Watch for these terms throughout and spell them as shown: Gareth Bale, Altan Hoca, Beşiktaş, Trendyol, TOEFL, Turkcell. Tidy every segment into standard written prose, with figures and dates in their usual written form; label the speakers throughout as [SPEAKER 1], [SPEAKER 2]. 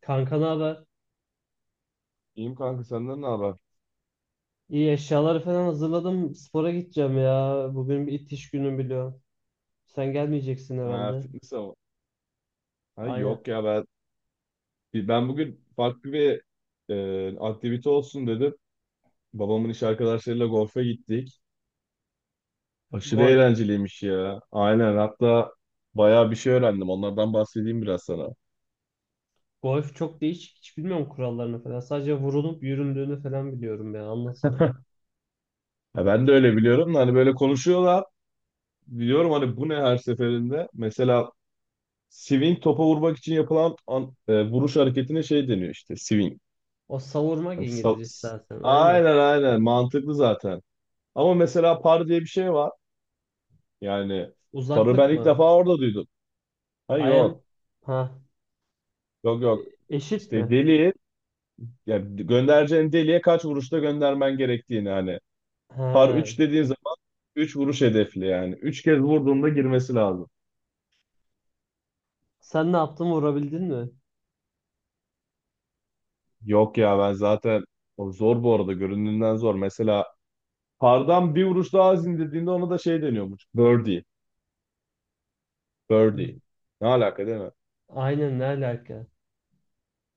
[SPEAKER 1] Kanka ne haber?
[SPEAKER 2] İyiyim kanka, senden ne haber?
[SPEAKER 1] İyi, eşyaları falan hazırladım. Spora gideceğim ya. Bugün bir itiş günü biliyorum. Sen gelmeyeceksin
[SPEAKER 2] Ha,
[SPEAKER 1] herhalde.
[SPEAKER 2] fitness ama. Ha,
[SPEAKER 1] Aynen.
[SPEAKER 2] yok ya ben bugün farklı bir aktivite olsun dedim. Babamın iş arkadaşlarıyla golfe gittik. Aşırı
[SPEAKER 1] Golf.
[SPEAKER 2] eğlenceliymiş ya. Aynen, hatta bayağı bir şey öğrendim. Onlardan bahsedeyim biraz sana.
[SPEAKER 1] Golf çok değişik. Hiç bilmiyorum kurallarını falan. Sadece vurulup yüründüğünü falan biliyorum ya. Anlatsana.
[SPEAKER 2] Ha, ben de öyle biliyorum da hani böyle konuşuyorlar. Biliyorum hani bu ne her seferinde. Mesela swing, topa vurmak için yapılan vuruş hareketine şey deniyor işte, swing.
[SPEAKER 1] O savurmak
[SPEAKER 2] Hani
[SPEAKER 1] İngilizcesi zaten. Aynen.
[SPEAKER 2] aynen aynen, mantıklı zaten. Ama mesela par diye bir şey var. Yani parı ben
[SPEAKER 1] Uzaklık
[SPEAKER 2] ilk
[SPEAKER 1] mı?
[SPEAKER 2] defa orada duydum. Ha
[SPEAKER 1] I am...
[SPEAKER 2] yok.
[SPEAKER 1] Ha.
[SPEAKER 2] Yok yok.
[SPEAKER 1] Eşit
[SPEAKER 2] İşte
[SPEAKER 1] mi?
[SPEAKER 2] deliği, yani göndereceğin deliğe kaç vuruşta göndermen gerektiğini hani. Par
[SPEAKER 1] He.
[SPEAKER 2] 3 dediğin zaman 3 vuruş hedefli yani, 3 kez vurduğunda girmesi lazım.
[SPEAKER 1] Sen ne yaptın? Vurabildin mi?
[SPEAKER 2] Yok ya, ben zaten o zor bu arada, göründüğünden zor. Mesela pardan bir vuruş daha az indirdiğinde ona da şey deniyormuş, birdie.
[SPEAKER 1] Hı.
[SPEAKER 2] Birdie. Ne alaka, değil mi?
[SPEAKER 1] Aynen, ne alaka?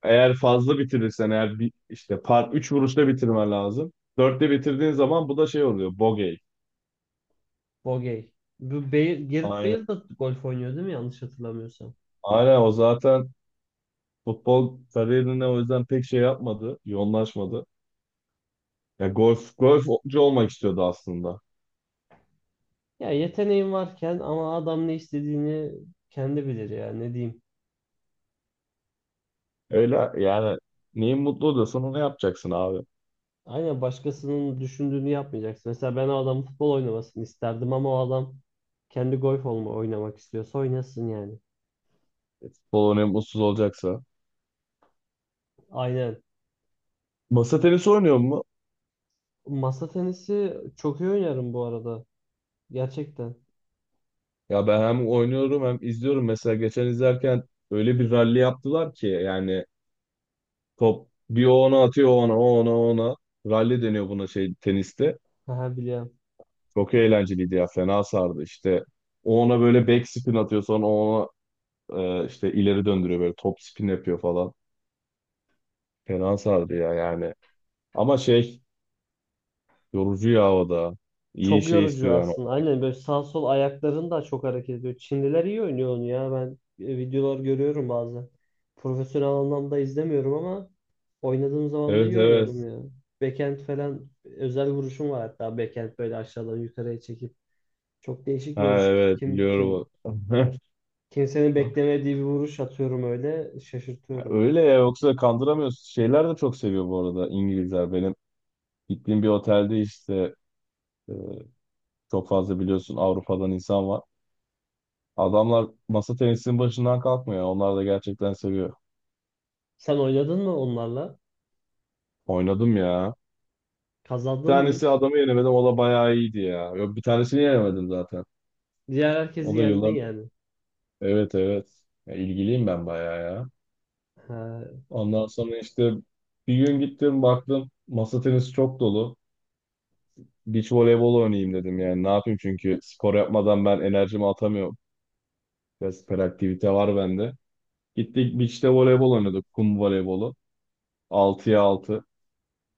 [SPEAKER 2] Eğer fazla bitirirsen, eğer bir, işte par 3 vuruşta bitirmen lazım. 4'te bitirdiğin zaman bu da şey oluyor, bogey.
[SPEAKER 1] Bogey. Bu Bale, Gareth
[SPEAKER 2] Aynen.
[SPEAKER 1] Bale da golf oynuyor değil mi? Yanlış hatırlamıyorsam.
[SPEAKER 2] Aynen, o zaten futbol kariyerine o yüzden pek şey yapmadı, yoğunlaşmadı. Ya golfcu olmak istiyordu aslında.
[SPEAKER 1] Ya yeteneğin varken ama adam ne istediğini kendi bilir ya, ne diyeyim.
[SPEAKER 2] Öyle yani, neyin mutlu oluyorsan onu yapacaksın abi.
[SPEAKER 1] Aynen, başkasının düşündüğünü yapmayacaksın. Mesela ben o adamın futbol oynamasını isterdim ama o adam kendi golf olma oynamak istiyorsa oynasın yani.
[SPEAKER 2] Futbol oynayıp mutsuz olacaksa.
[SPEAKER 1] Aynen.
[SPEAKER 2] Masa tenisi oynuyor mu?
[SPEAKER 1] Masa tenisi çok iyi oynarım bu arada. Gerçekten.
[SPEAKER 2] Ya ben hem oynuyorum hem izliyorum. Mesela geçen izlerken öyle bir ralli yaptılar ki yani, top bir o ona atıyor, o ona, o ona, o ona. Rally deniyor buna, şey, teniste.
[SPEAKER 1] Haha, biliyorum.
[SPEAKER 2] Çok eğlenceliydi ya, fena sardı işte. O ona böyle back spin atıyor, sonra o ona işte ileri döndürüyor, böyle top spin yapıyor falan. Fena sardı ya yani. Ama şey, yorucu ya o da. İyi
[SPEAKER 1] Çok
[SPEAKER 2] şey
[SPEAKER 1] yorucu
[SPEAKER 2] istiyor yani.
[SPEAKER 1] aslında. Aynen, böyle sağ sol ayakların da çok hareket ediyor. Çinliler iyi oynuyor onu ya. Ben videolar görüyorum bazen. Profesyonel anlamda izlemiyorum ama oynadığım zaman da
[SPEAKER 2] Evet,
[SPEAKER 1] iyi oynarım
[SPEAKER 2] evet.
[SPEAKER 1] ya. Backhand falan özel vuruşum var hatta. Backhand böyle aşağıdan yukarıya çekip. Çok değişik bir
[SPEAKER 2] Ha,
[SPEAKER 1] vuruş.
[SPEAKER 2] evet, biliyorum.
[SPEAKER 1] Kimsenin beklemediği bir vuruş atıyorum, öyle şaşırtıyorum.
[SPEAKER 2] Öyle ya, yoksa kandıramıyorsun. Şeyler de çok seviyor bu arada İngilizler. Benim gittiğim bir otelde işte, e, çok fazla, biliyorsun, Avrupa'dan insan var. Adamlar masa tenisinin başından kalkmıyor. Onlar da gerçekten seviyor.
[SPEAKER 1] Sen oynadın mı onlarla?
[SPEAKER 2] Oynadım ya. Bir
[SPEAKER 1] Kazandın mı
[SPEAKER 2] tanesi,
[SPEAKER 1] hiç?
[SPEAKER 2] adamı yenemedim. O da bayağı iyiydi ya. Yok, bir tanesini yenemedim zaten.
[SPEAKER 1] Diğer
[SPEAKER 2] O
[SPEAKER 1] herkesi
[SPEAKER 2] da
[SPEAKER 1] yendin
[SPEAKER 2] yıllar...
[SPEAKER 1] yani.
[SPEAKER 2] Evet, evet. Ya, ilgiliyim ben bayağı ya.
[SPEAKER 1] Ha,
[SPEAKER 2] Ondan sonra işte bir gün gittim, baktım masa tenisi çok dolu. Beach voleybol oynayayım dedim yani. Ne yapayım, çünkü spor yapmadan ben enerjimi atamıyorum. Biraz aktivite var bende. Gittik beach'te voleybol oynadık. Kum voleybolu. Altıya 6.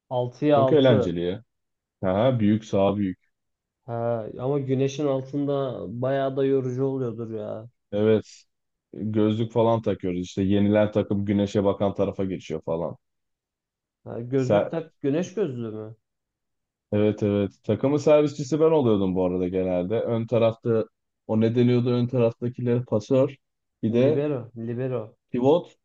[SPEAKER 1] 6'ya
[SPEAKER 2] Çok
[SPEAKER 1] 6.
[SPEAKER 2] eğlenceli ya. Ha, büyük saha, büyük.
[SPEAKER 1] Ha, ama güneşin altında bayağı da yorucu oluyordur ya.
[SPEAKER 2] Evet. Gözlük falan takıyoruz. İşte yenilen takım güneşe bakan tarafa geçiyor falan.
[SPEAKER 1] Ha, gözlük
[SPEAKER 2] Se-
[SPEAKER 1] tak, güneş gözlüğü mü?
[SPEAKER 2] evet, evet. Takımın servisçisi ben oluyordum bu arada genelde. Ön tarafta, o ne deniyordu, ön taraftakiler pasör. Bir de
[SPEAKER 1] Libero, libero.
[SPEAKER 2] pivot.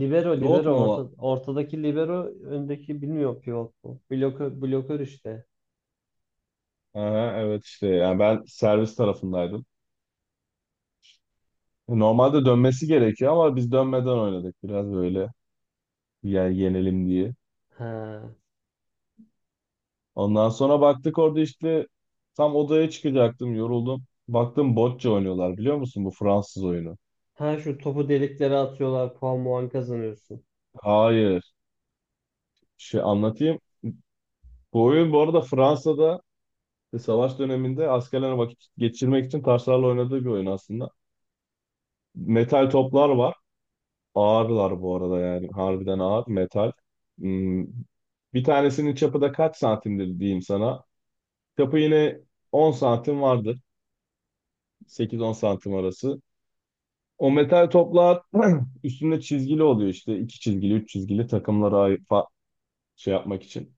[SPEAKER 1] Libero,
[SPEAKER 2] Pivot
[SPEAKER 1] libero.
[SPEAKER 2] mu
[SPEAKER 1] Orta,
[SPEAKER 2] o?
[SPEAKER 1] ortadaki libero, öndeki bilmiyorum, pivot mu? Blokör, blokör işte.
[SPEAKER 2] Aha, evet, işte yani ben servis tarafındaydım. Normalde dönmesi gerekiyor ama biz dönmeden oynadık biraz böyle, yani yenelim diye.
[SPEAKER 1] Ha.
[SPEAKER 2] Ondan sonra baktık orada işte, tam odaya çıkacaktım yoruldum. Baktım bocce oynuyorlar, biliyor musun bu Fransız oyunu?
[SPEAKER 1] Ha, şu topu deliklere atıyorlar, puan muan kazanıyorsun.
[SPEAKER 2] Hayır. Şey, anlatayım. Bu oyun bu arada Fransa'da işte savaş döneminde askerlerin vakit geçirmek için taşlarla oynadığı bir oyun aslında. Metal toplar var. Ağırlar bu arada, yani harbiden ağır metal. Hmm, bir tanesinin çapı da kaç santimdir diyeyim sana. Çapı yine 10 santim vardır. 8-10 santim arası. O metal toplar üstünde çizgili oluyor işte. İki çizgili, üç çizgili, takımlara şey yapmak için,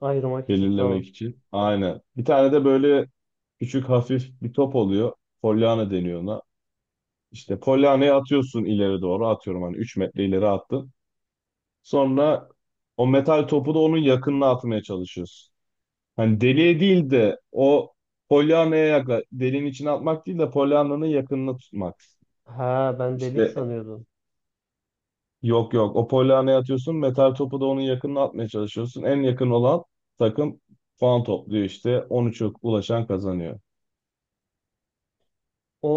[SPEAKER 1] Ayırmak için, tamam.
[SPEAKER 2] belirlemek için. Aynen. Bir tane de böyle küçük hafif bir top oluyor. Pollyanna deniyor ona. İşte polyanayı atıyorsun ileri doğru. Atıyorum hani 3 metre ileri attın. Sonra o metal topu da onun yakınına atmaya çalışıyorsun. Hani deliğe değil de o polyanaya yakla, deliğin içine atmak değil de polyananın yakınına tutmak.
[SPEAKER 1] Ha, ben delik
[SPEAKER 2] İşte,
[SPEAKER 1] sanıyordum.
[SPEAKER 2] yok yok. O polyaneye atıyorsun. Metal topu da onun yakınına atmaya çalışıyorsun. En yakın olan takım puan topluyor işte. 13'e ulaşan kazanıyor.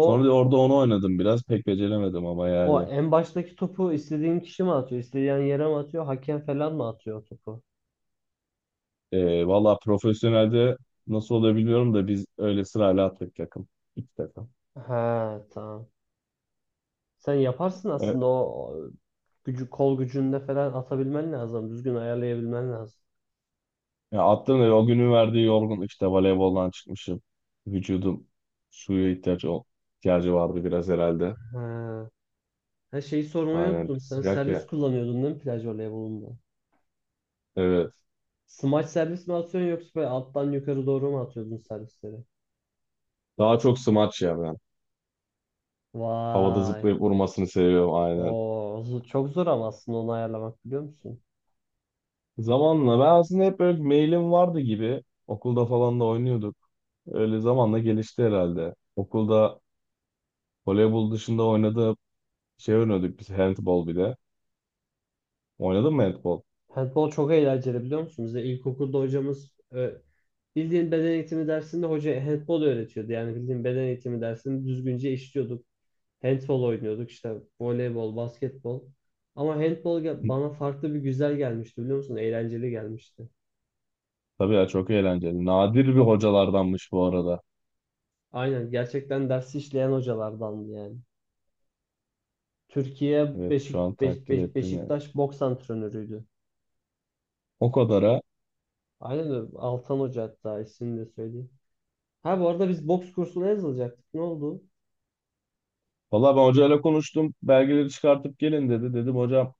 [SPEAKER 2] Sonra da orada onu oynadım biraz. Pek beceremedim ama
[SPEAKER 1] o
[SPEAKER 2] yani.
[SPEAKER 1] en baştaki topu istediğin kişi mi atıyor? İstediğin yere mi atıyor? Hakem falan mı atıyor o topu?
[SPEAKER 2] Valla profesyonelde nasıl olabiliyorum da biz öyle sırayla attık takım. İki takım.
[SPEAKER 1] Ha, tamam. Sen yaparsın
[SPEAKER 2] Ee,
[SPEAKER 1] aslında, o gücü kol gücünde falan atabilmen lazım. Düzgün ayarlayabilmen lazım.
[SPEAKER 2] ya attım da o günün verdiği yorgunluk işte, voleyboldan çıkmışım. Vücudum suya ihtiyacı, ihtiyacı vardı biraz herhalde.
[SPEAKER 1] Ha. Her şeyi sormayı
[SPEAKER 2] Aynen,
[SPEAKER 1] unuttum. Sen
[SPEAKER 2] sıcak
[SPEAKER 1] servis
[SPEAKER 2] ya.
[SPEAKER 1] kullanıyordun değil mi plaj voleybolunda?
[SPEAKER 2] Evet.
[SPEAKER 1] Smaç servis mi atıyorsun, yoksa böyle alttan yukarı doğru mu atıyordun servisleri?
[SPEAKER 2] Daha çok smaç ya ben. Havada
[SPEAKER 1] Vay.
[SPEAKER 2] zıplayıp vurmasını seviyorum aynen.
[SPEAKER 1] O çok zor ama, aslında onu ayarlamak, biliyor musun?
[SPEAKER 2] Zamanla ben aslında hep böyle mailim vardı gibi. Okulda falan da oynuyorduk. Öyle zamanla gelişti herhalde. Okulda voleybol dışında oynadığı şey oynuyorduk biz, handball bir de. Oynadın mı handball?
[SPEAKER 1] Handball çok eğlenceli, biliyor musun? Bize ilkokulda hocamız bildiğin beden eğitimi dersinde hoca handball öğretiyordu. Yani bildiğin beden eğitimi dersini düzgünce işliyorduk. Handball oynuyorduk işte, voleybol, basketbol. Ama handball bana farklı bir güzel gelmişti, biliyor musun? Eğlenceli gelmişti.
[SPEAKER 2] Tabii ya, çok eğlenceli. Nadir bir hocalardanmış bu arada.
[SPEAKER 1] Aynen, gerçekten dersi işleyen hocalardandı yani. Türkiye
[SPEAKER 2] Evet, şu an takdir ettim yani.
[SPEAKER 1] Beşiktaş boks antrenörüydü.
[SPEAKER 2] O kadara.
[SPEAKER 1] Aynen öyle. Altan Hoca, hatta ismini de söyleyeyim. Ha, bu arada biz boks kursuna yazılacaktık. Ne oldu?
[SPEAKER 2] Valla ben hocayla konuştum. Belgeleri çıkartıp gelin dedi. Dedim hocam,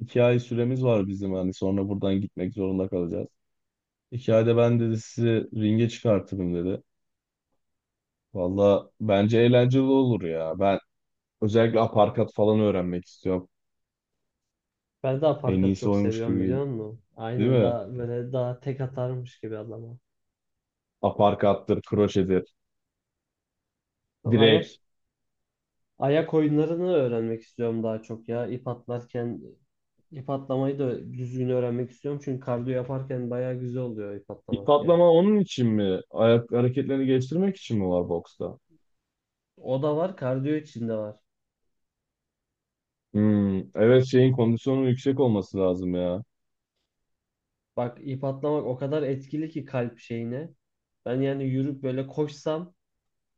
[SPEAKER 2] 2 ay süremiz var bizim hani, sonra buradan gitmek zorunda kalacağız. Hikayede ben dedi sizi ringe çıkartırım dedi. Valla bence eğlenceli olur ya. Ben özellikle aparkat falan öğrenmek istiyorum.
[SPEAKER 1] Ben daha
[SPEAKER 2] En
[SPEAKER 1] parkat
[SPEAKER 2] iyisi
[SPEAKER 1] çok
[SPEAKER 2] oymuş
[SPEAKER 1] seviyorum, biliyor musun?
[SPEAKER 2] değil
[SPEAKER 1] Aynen,
[SPEAKER 2] mi?
[SPEAKER 1] daha böyle daha tek atarmış gibi adama.
[SPEAKER 2] Aparkattır, kroşedir,
[SPEAKER 1] Ama
[SPEAKER 2] direk.
[SPEAKER 1] ayak oyunlarını öğrenmek istiyorum daha çok ya. İp atlarken ip atlamayı da düzgün öğrenmek istiyorum. Çünkü kardiyo yaparken bayağı güzel oluyor ip
[SPEAKER 2] İp
[SPEAKER 1] atlamak yani.
[SPEAKER 2] atlama onun için mi? Ayak hareketlerini geliştirmek için mi var boksta?
[SPEAKER 1] O da var, kardiyo içinde var.
[SPEAKER 2] Hmm, evet, şeyin kondisyonu yüksek olması lazım ya.
[SPEAKER 1] Bak, ip atlamak o kadar etkili ki kalp şeyine. Ben yani yürüp böyle koşsam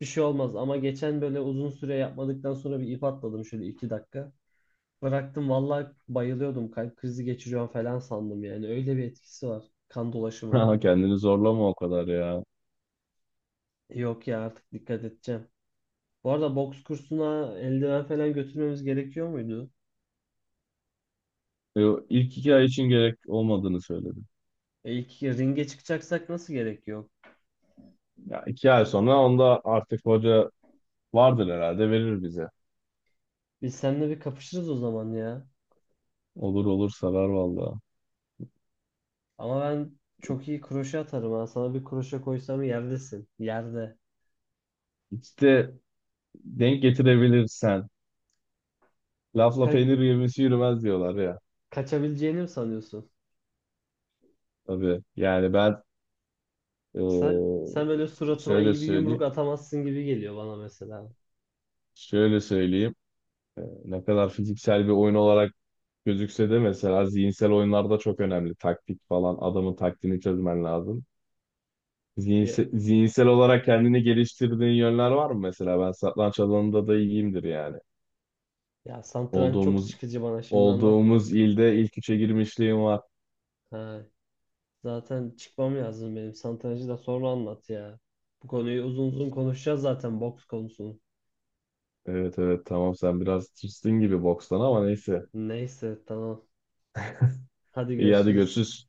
[SPEAKER 1] bir şey olmaz. Ama geçen böyle uzun süre yapmadıktan sonra bir ip atladım şöyle iki dakika. Bıraktım, vallahi bayılıyordum. Kalp krizi geçiriyorum falan sandım yani. Öyle bir etkisi var kan dolaşımına.
[SPEAKER 2] Haha, kendini zorlama o kadar ya.
[SPEAKER 1] Yok ya, artık dikkat edeceğim. Bu arada, boks kursuna eldiven falan götürmemiz gerekiyor muydu?
[SPEAKER 2] E, İlk 2 ay için gerek olmadığını söyledim.
[SPEAKER 1] E ilk ringe çıkacaksak nasıl gerek yok?
[SPEAKER 2] Ya 2 ay sonra onda artık hoca vardır herhalde, verir bize.
[SPEAKER 1] Biz seninle bir kapışırız o zaman ya.
[SPEAKER 2] Olur olur, sarar valla.
[SPEAKER 1] Ama ben çok iyi kroşe atarım ha. Sana bir kroşe koysam yerdesin. Yerde.
[SPEAKER 2] İşte denk getirebilirsen. Lafla
[SPEAKER 1] Ka-
[SPEAKER 2] peynir yemesi yürümez diyorlar ya.
[SPEAKER 1] kaçabileceğini mi sanıyorsun?
[SPEAKER 2] Tabii. Yani ben, e,
[SPEAKER 1] Sen böyle suratıma
[SPEAKER 2] şöyle
[SPEAKER 1] iyi bir yumruk
[SPEAKER 2] söyleyeyim.
[SPEAKER 1] atamazsın gibi geliyor bana mesela.
[SPEAKER 2] Şöyle söyleyeyim. Ne kadar fiziksel bir oyun olarak gözükse de mesela zihinsel oyunlarda çok önemli. Taktik falan. Adamın taktiğini çözmen lazım.
[SPEAKER 1] Ya,
[SPEAKER 2] Zihinsel olarak kendini geliştirdiğin yönler var mı mesela? Ben satranç alanında da iyiyimdir yani.
[SPEAKER 1] ya satranç çok
[SPEAKER 2] Olduğumuz
[SPEAKER 1] sıkıcı, bana şimdi anlatma.
[SPEAKER 2] olduğumuz ilde ilk üçe girmişliğim var.
[SPEAKER 1] Ha, zaten çıkmam lazım benim. Satrancı da sonra anlat ya. Bu konuyu uzun uzun konuşacağız zaten, boks konusunu.
[SPEAKER 2] Evet evet, tamam, sen biraz tırsın gibi bokstan ama neyse.
[SPEAKER 1] Neyse, tamam. Hadi
[SPEAKER 2] İyi, hadi
[SPEAKER 1] görüşürüz.
[SPEAKER 2] görüşürüz.